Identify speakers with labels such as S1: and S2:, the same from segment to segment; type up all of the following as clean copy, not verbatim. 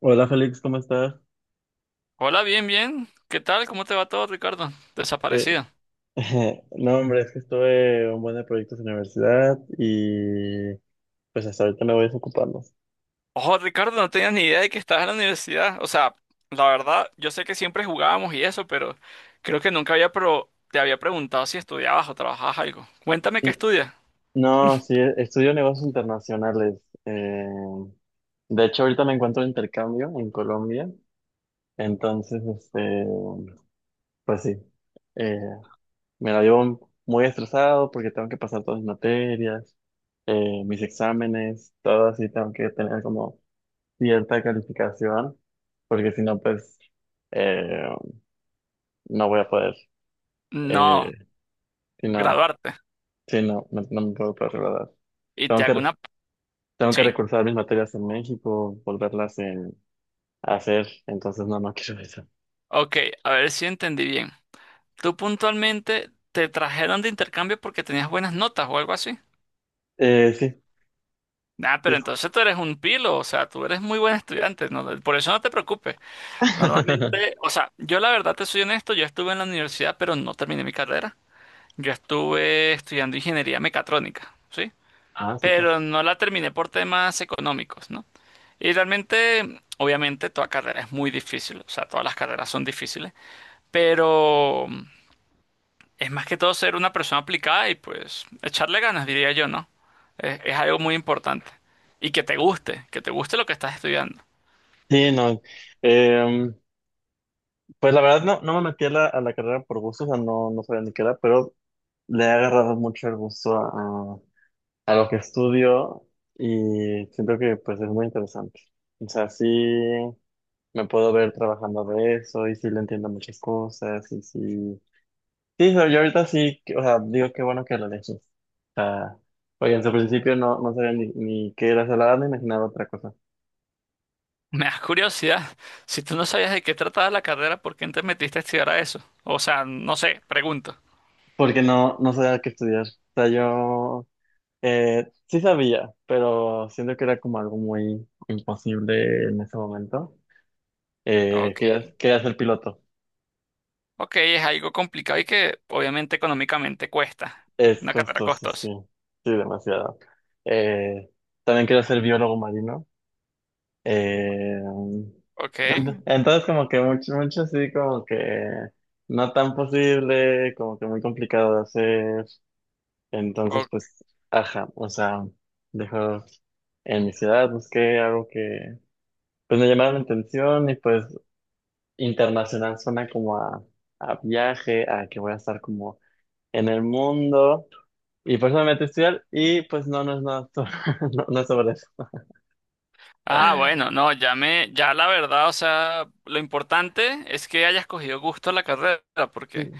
S1: Hola Félix, ¿cómo estás?
S2: Hola, bien, bien. ¿Qué tal? ¿Cómo te va todo, Ricardo?
S1: Eh,
S2: Desaparecido.
S1: no, hombre, es que estuve un buen de proyectos en la universidad y pues hasta ahorita me voy desocupando.
S2: Ojo, Ricardo, no tenía ni idea de que estabas en la universidad. O sea, la verdad, yo sé que siempre jugábamos y eso, pero creo que nunca había te había preguntado si estudiabas o trabajabas algo. Cuéntame qué
S1: Y,
S2: estudias.
S1: no, sí, estudio negocios internacionales. De hecho, ahorita me encuentro de intercambio en Colombia, entonces, pues sí, eh, me la llevo muy estresado porque tengo que pasar todas mis materias, mis exámenes, todo así, tengo que tener como cierta calificación, porque si no, pues eh, no voy a poder, eh,
S2: No,
S1: si no,
S2: graduarte.
S1: si no me puedo poder graduar.
S2: Y te
S1: Tengo
S2: hago
S1: que,
S2: una...
S1: tengo que
S2: ¿Sí?
S1: recursar mis materias en México, volverlas a hacer, entonces no quiero eso.
S2: Ok, a ver si entendí bien. ¿Tú puntualmente te trajeron de intercambio porque tenías buenas notas o algo así?
S1: Sí,
S2: Nah,
S1: sí.
S2: pero entonces tú eres un pilo, o sea, tú eres muy buen estudiante, ¿no? Por eso no te preocupes. Normalmente, o sea, yo la verdad te soy honesto, yo estuve en la universidad, pero no terminé mi carrera. Yo estuve estudiando ingeniería mecatrónica, ¿sí?
S1: Ah, súper.
S2: Pero no la terminé por temas económicos, ¿no? Y realmente, obviamente, toda carrera es muy difícil, o sea, todas las carreras son difíciles, pero es más que todo ser una persona aplicada y pues echarle ganas, diría yo, ¿no? Es algo muy importante. Y que te guste lo que estás estudiando.
S1: Sí, no. eh, pues la verdad no me metí a a la carrera por gusto, o sea, no sabía ni qué era, pero le he agarrado mucho el gusto a lo que estudio y siento que pues es muy interesante. O sea, sí me puedo ver trabajando de eso y sí le entiendo muchas cosas y sí... Sí, o sea, yo ahorita sí, o sea, digo qué bueno que lo elegí. O sea, oye, en su principio no sabía ni qué era salada, me imaginaba otra cosa.
S2: Me da curiosidad, si tú no sabías de qué trataba la carrera, ¿por qué no te metiste a estudiar a eso? O sea, no sé, pregunto.
S1: Porque no sabía qué estudiar. O sea, yo sí sabía, pero siento que era como algo muy imposible en ese momento. Eh,
S2: Ok,
S1: quería, quería ser piloto.
S2: ok, es algo complicado y que obviamente económicamente cuesta.
S1: Es
S2: Una carrera
S1: costoso, sí,
S2: costosa.
S1: sí, demasiado. Eh, también quiero ser biólogo marino. Eh,
S2: Ok,
S1: ent- entonces, como que mucho, mucho sí, como que no tan posible, como que muy complicado de hacer. Entonces,
S2: o-
S1: pues, ajá, o sea, dejo en mi ciudad, busqué algo que, pues, me llamara la atención y pues internacional suena como a viaje, a que voy a estar como en el mundo. Y por eso me metí a estudiar y pues no, no es nada, no, no es sobre eso.
S2: ah, bueno, no, ya me, ya la verdad, o sea, lo importante es que hayas cogido gusto a la carrera, porque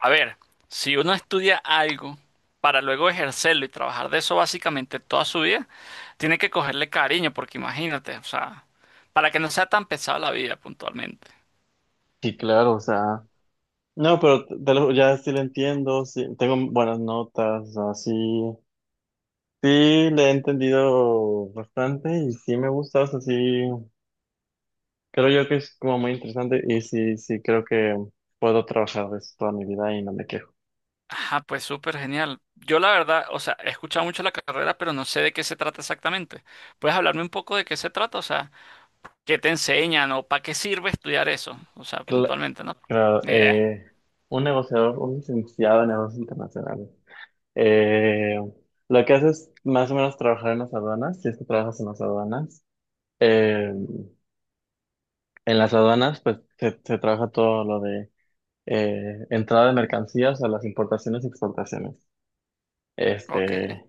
S2: a ver, si uno estudia algo para luego ejercerlo y trabajar de eso básicamente toda su vida, tiene que cogerle cariño, porque imagínate, o sea, para que no sea tan pesada la vida puntualmente.
S1: Sí, claro, o sea, no, pero ya sí lo entiendo, sí, tengo buenas notas, o sea, sí, sí le he entendido bastante y sí me gusta, o sea, sí, creo yo que es como muy interesante y sí, sí, creo que puedo trabajar de eso toda mi vida y no me quejo.
S2: Ajá, pues súper genial. Yo la verdad, o sea, he escuchado mucho la carrera, pero no sé de qué se trata exactamente. ¿Puedes hablarme un poco de qué se trata? O sea, ¿qué te enseñan o para qué sirve estudiar eso? O sea,
S1: Cla-
S2: puntualmente, ¿no?
S1: Claro,
S2: Ni idea.
S1: un negociador, un licenciado en negocios internacionales. Eh, lo que haces es más o menos trabajar en las aduanas, si es que trabajas en las aduanas. Eh, en las aduanas, pues se trabaja todo lo de entrada de mercancías a las importaciones y exportaciones.
S2: Ok,
S1: Este,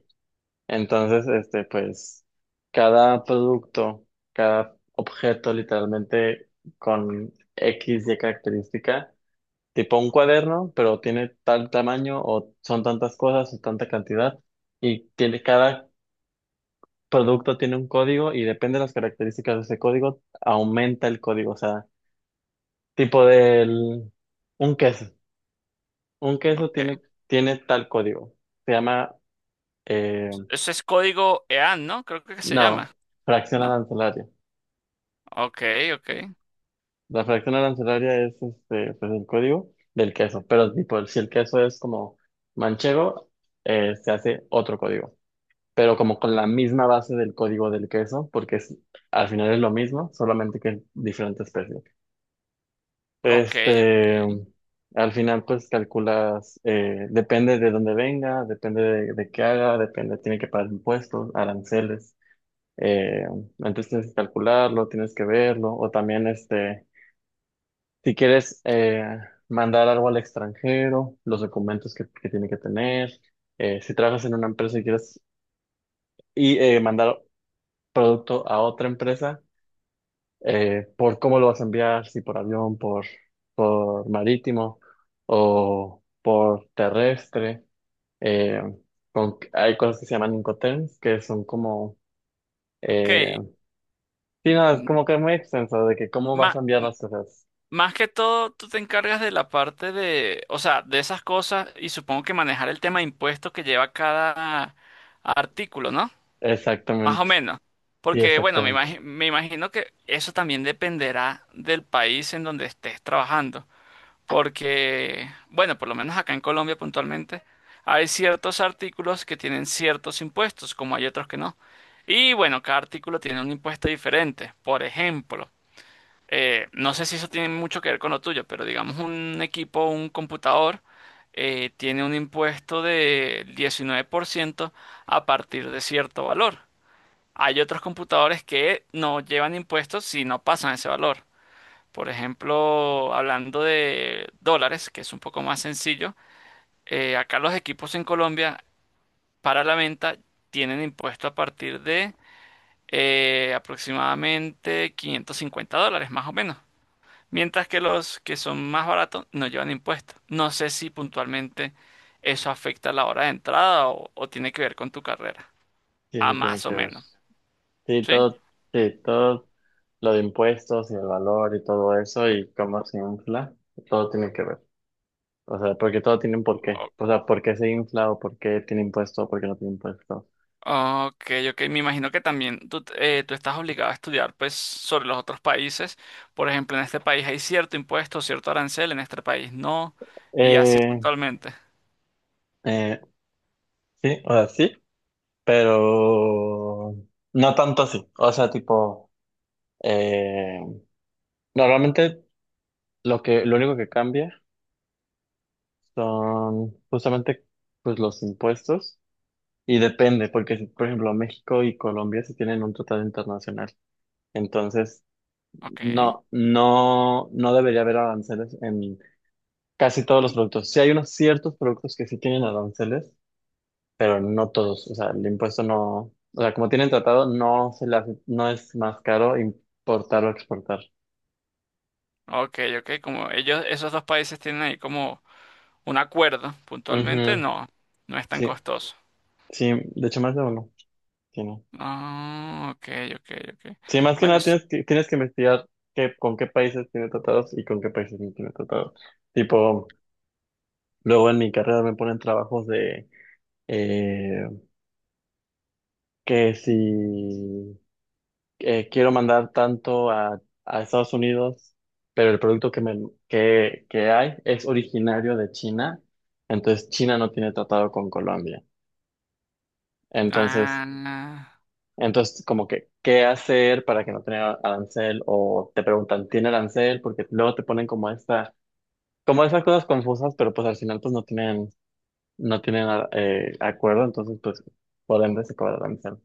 S1: entonces, pues cada producto, cada objeto literalmente con X y característica, tipo un cuaderno, pero tiene tal tamaño o son tantas cosas o tanta cantidad y tiene cada producto tiene un código y depende de las características de ese código, aumenta el código. O sea, tipo del, un queso. Un queso tiene,
S2: ok.
S1: tiene tal código. Se llama, eh,
S2: Eso es código EAN, ¿no? Creo que se llama,
S1: no, fracción
S2: ¿no?
S1: arancelaria.
S2: Ok, ok.
S1: La fracción arancelaria es este, pues el código del queso. Pero tipo, si el queso es como manchego, se hace otro código. Pero como con la misma base del código del queso, porque al final es lo mismo, solamente que es diferente especie.
S2: Ok, ok.
S1: Este, al final, pues calculas, depende de dónde venga, depende de qué haga, depende, tiene que pagar impuestos, aranceles. Eh, Antes tienes que calcularlo, tienes que verlo, o también, este, si quieres mandar algo al extranjero, los documentos que tiene que tener. Si trabajas en una empresa y quieres y, mandar producto a otra empresa por cómo lo vas a enviar, si por avión, por marítimo o por terrestre. Eh, Hay cosas que se llaman Incoterms, que son como... Eh,
S2: Ok.
S1: sí, no, es
S2: M-
S1: como que es muy extenso de que cómo vas
S2: má-
S1: a enviar las cosas.
S2: más que todo, tú te encargas de la parte de, o sea, de esas cosas y supongo que manejar el tema de impuestos que lleva cada artículo, ¿no? Más o
S1: Exactamente,
S2: menos.
S1: sí,
S2: Porque, bueno,
S1: exactamente.
S2: me imagino que eso también dependerá del país en donde estés trabajando. Porque, bueno, por lo menos acá en Colombia puntualmente, hay ciertos artículos que tienen ciertos impuestos, como hay otros que no. Y bueno, cada artículo tiene un impuesto diferente. Por ejemplo, no sé si eso tiene mucho que ver con lo tuyo, pero digamos un equipo, un computador, tiene un impuesto de 19% a partir de cierto valor. Hay otros computadores que no llevan impuestos si no pasan ese valor. Por ejemplo, hablando de dólares, que es un poco más sencillo, acá los equipos en Colombia para la venta tienen impuesto a partir de aproximadamente $550, más o menos. Mientras que los que son más baratos no llevan impuestos. No sé si puntualmente eso afecta la hora de entrada o tiene que ver con tu carrera.
S1: Sí,
S2: A
S1: sí, tiene
S2: más o
S1: que ver.
S2: menos.
S1: Sí,
S2: ¿Sí?
S1: todo, sí, todo lo de impuestos y el valor y todo eso y cómo se infla, todo tiene que ver. O sea, porque todo tiene un porqué.
S2: O-
S1: O sea, ¿por qué se infla o por qué tiene impuesto o por qué no tiene impuesto?
S2: ok, ok. Me imagino que también tú, tú estás obligado a estudiar pues sobre los otros países. Por ejemplo, en este país hay cierto impuesto, cierto arancel, en este país no. Y así
S1: Eh,
S2: puntualmente.
S1: eh, sí, o sea, sí, pero no tanto así. O sea, tipo, eh, normalmente lo único que cambia son justamente pues los impuestos y depende, porque si, por ejemplo, México y Colombia se tienen un tratado internacional. Entonces,
S2: Ok,
S1: no debería haber aranceles en casi todos los productos. Sí, hay unos ciertos productos que sí tienen aranceles, pero no todos. O sea, el impuesto no, o sea, como tienen tratado, no se le no es más caro importar o exportar.
S2: ok, ok. Como ellos, esos dos países tienen ahí como un acuerdo puntualmente,
S1: Ujú,
S2: no, no es tan
S1: sí,
S2: costoso.
S1: sí, de hecho más de uno tiene.
S2: Ah, ok, ok, ok.
S1: Sí, más que
S2: Bueno,
S1: nada tienes tienes que investigar qué, con qué países tiene tratados y con qué países no tiene tratados. Tipo, luego en mi carrera me ponen trabajos de eh, que si quiero mandar tanto a Estados Unidos, pero el producto que hay es originario de China, entonces China no tiene tratado con Colombia. Entonces,
S2: ah,
S1: entonces como que, ¿qué hacer para que no tenga arancel? O te preguntan, ¿tiene arancel? Porque luego te ponen como como esas cosas confusas, pero pues al final pues no tienen, no tienen acuerdo, entonces pues por ende se cobra arancel.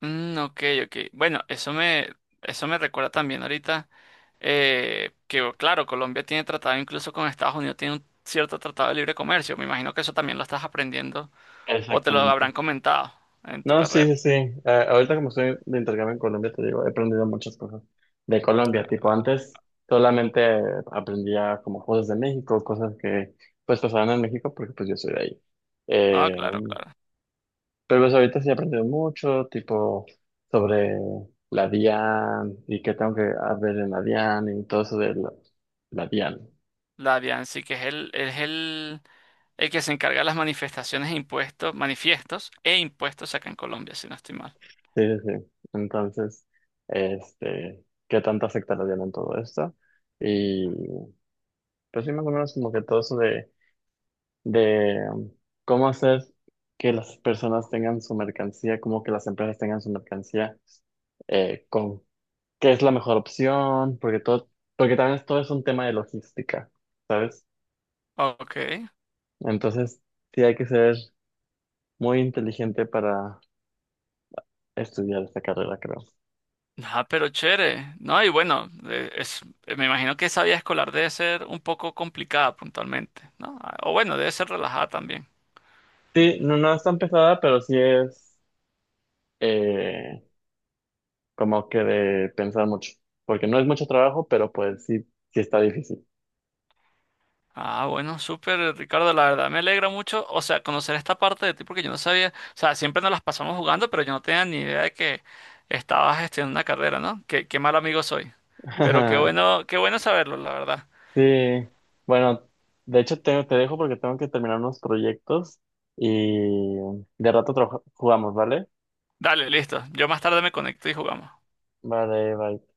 S2: mm, ok, ok. Bueno, eso me recuerda también ahorita oh, claro, Colombia tiene tratado incluso con Estados Unidos, tiene un cierto tratado de libre comercio. Me imagino que eso también lo estás aprendiendo o te lo
S1: Exactamente.
S2: habrán comentado en tu
S1: No, sí,
S2: carrera.
S1: sí, sí. Ah, ahorita como estoy de intercambio en Colombia, te digo, he aprendido muchas cosas de Colombia. Tipo, antes solamente aprendía como cosas de México, cosas que pues pasaban en México porque pues yo soy de ahí.
S2: Ah,
S1: Eh,
S2: claro, claro.
S1: pero pues ahorita sí he aprendido mucho, tipo, sobre la DIAN y qué tengo que hacer en la DIAN y todo eso de la DIAN.
S2: La sí, que es el que se encarga de las manifestaciones e impuestos, manifiestos e impuestos acá en Colombia, si no estoy mal.
S1: Sí, sí, sí. Entonces, este, qué tanto afecta la DIAN en todo esto. Pero sí más o menos como que todo eso de cómo hacer que las personas tengan su mercancía, cómo que las empresas tengan su mercancía, con qué es la mejor opción, porque todo, porque también todo es un tema de logística, ¿sabes?
S2: Ok.
S1: Entonces sí hay que ser muy inteligente para estudiar esta carrera, creo.
S2: Ah, pero chévere. No, y bueno, me imagino que esa vida escolar debe ser un poco complicada puntualmente, ¿no? Ah, o bueno, debe ser relajada también.
S1: Sí, no, no es tan pesada, pero sí es eh, como que de pensar mucho, porque no es mucho trabajo, pero pues sí, sí está difícil.
S2: Ah, bueno, súper, Ricardo, la verdad me alegra mucho, o sea, conocer esta parte de ti porque yo no sabía, o sea, siempre nos las pasamos jugando, pero yo no tenía ni idea de que estabas estudiando una carrera, ¿no? Qué, qué mal amigo soy. Pero qué bueno saberlo, la verdad.
S1: Sí, bueno, de hecho te dejo porque tengo que terminar unos proyectos y de rato jugamos, ¿vale?
S2: Dale, listo. Yo más tarde me conecto y jugamos.
S1: Vale, bye.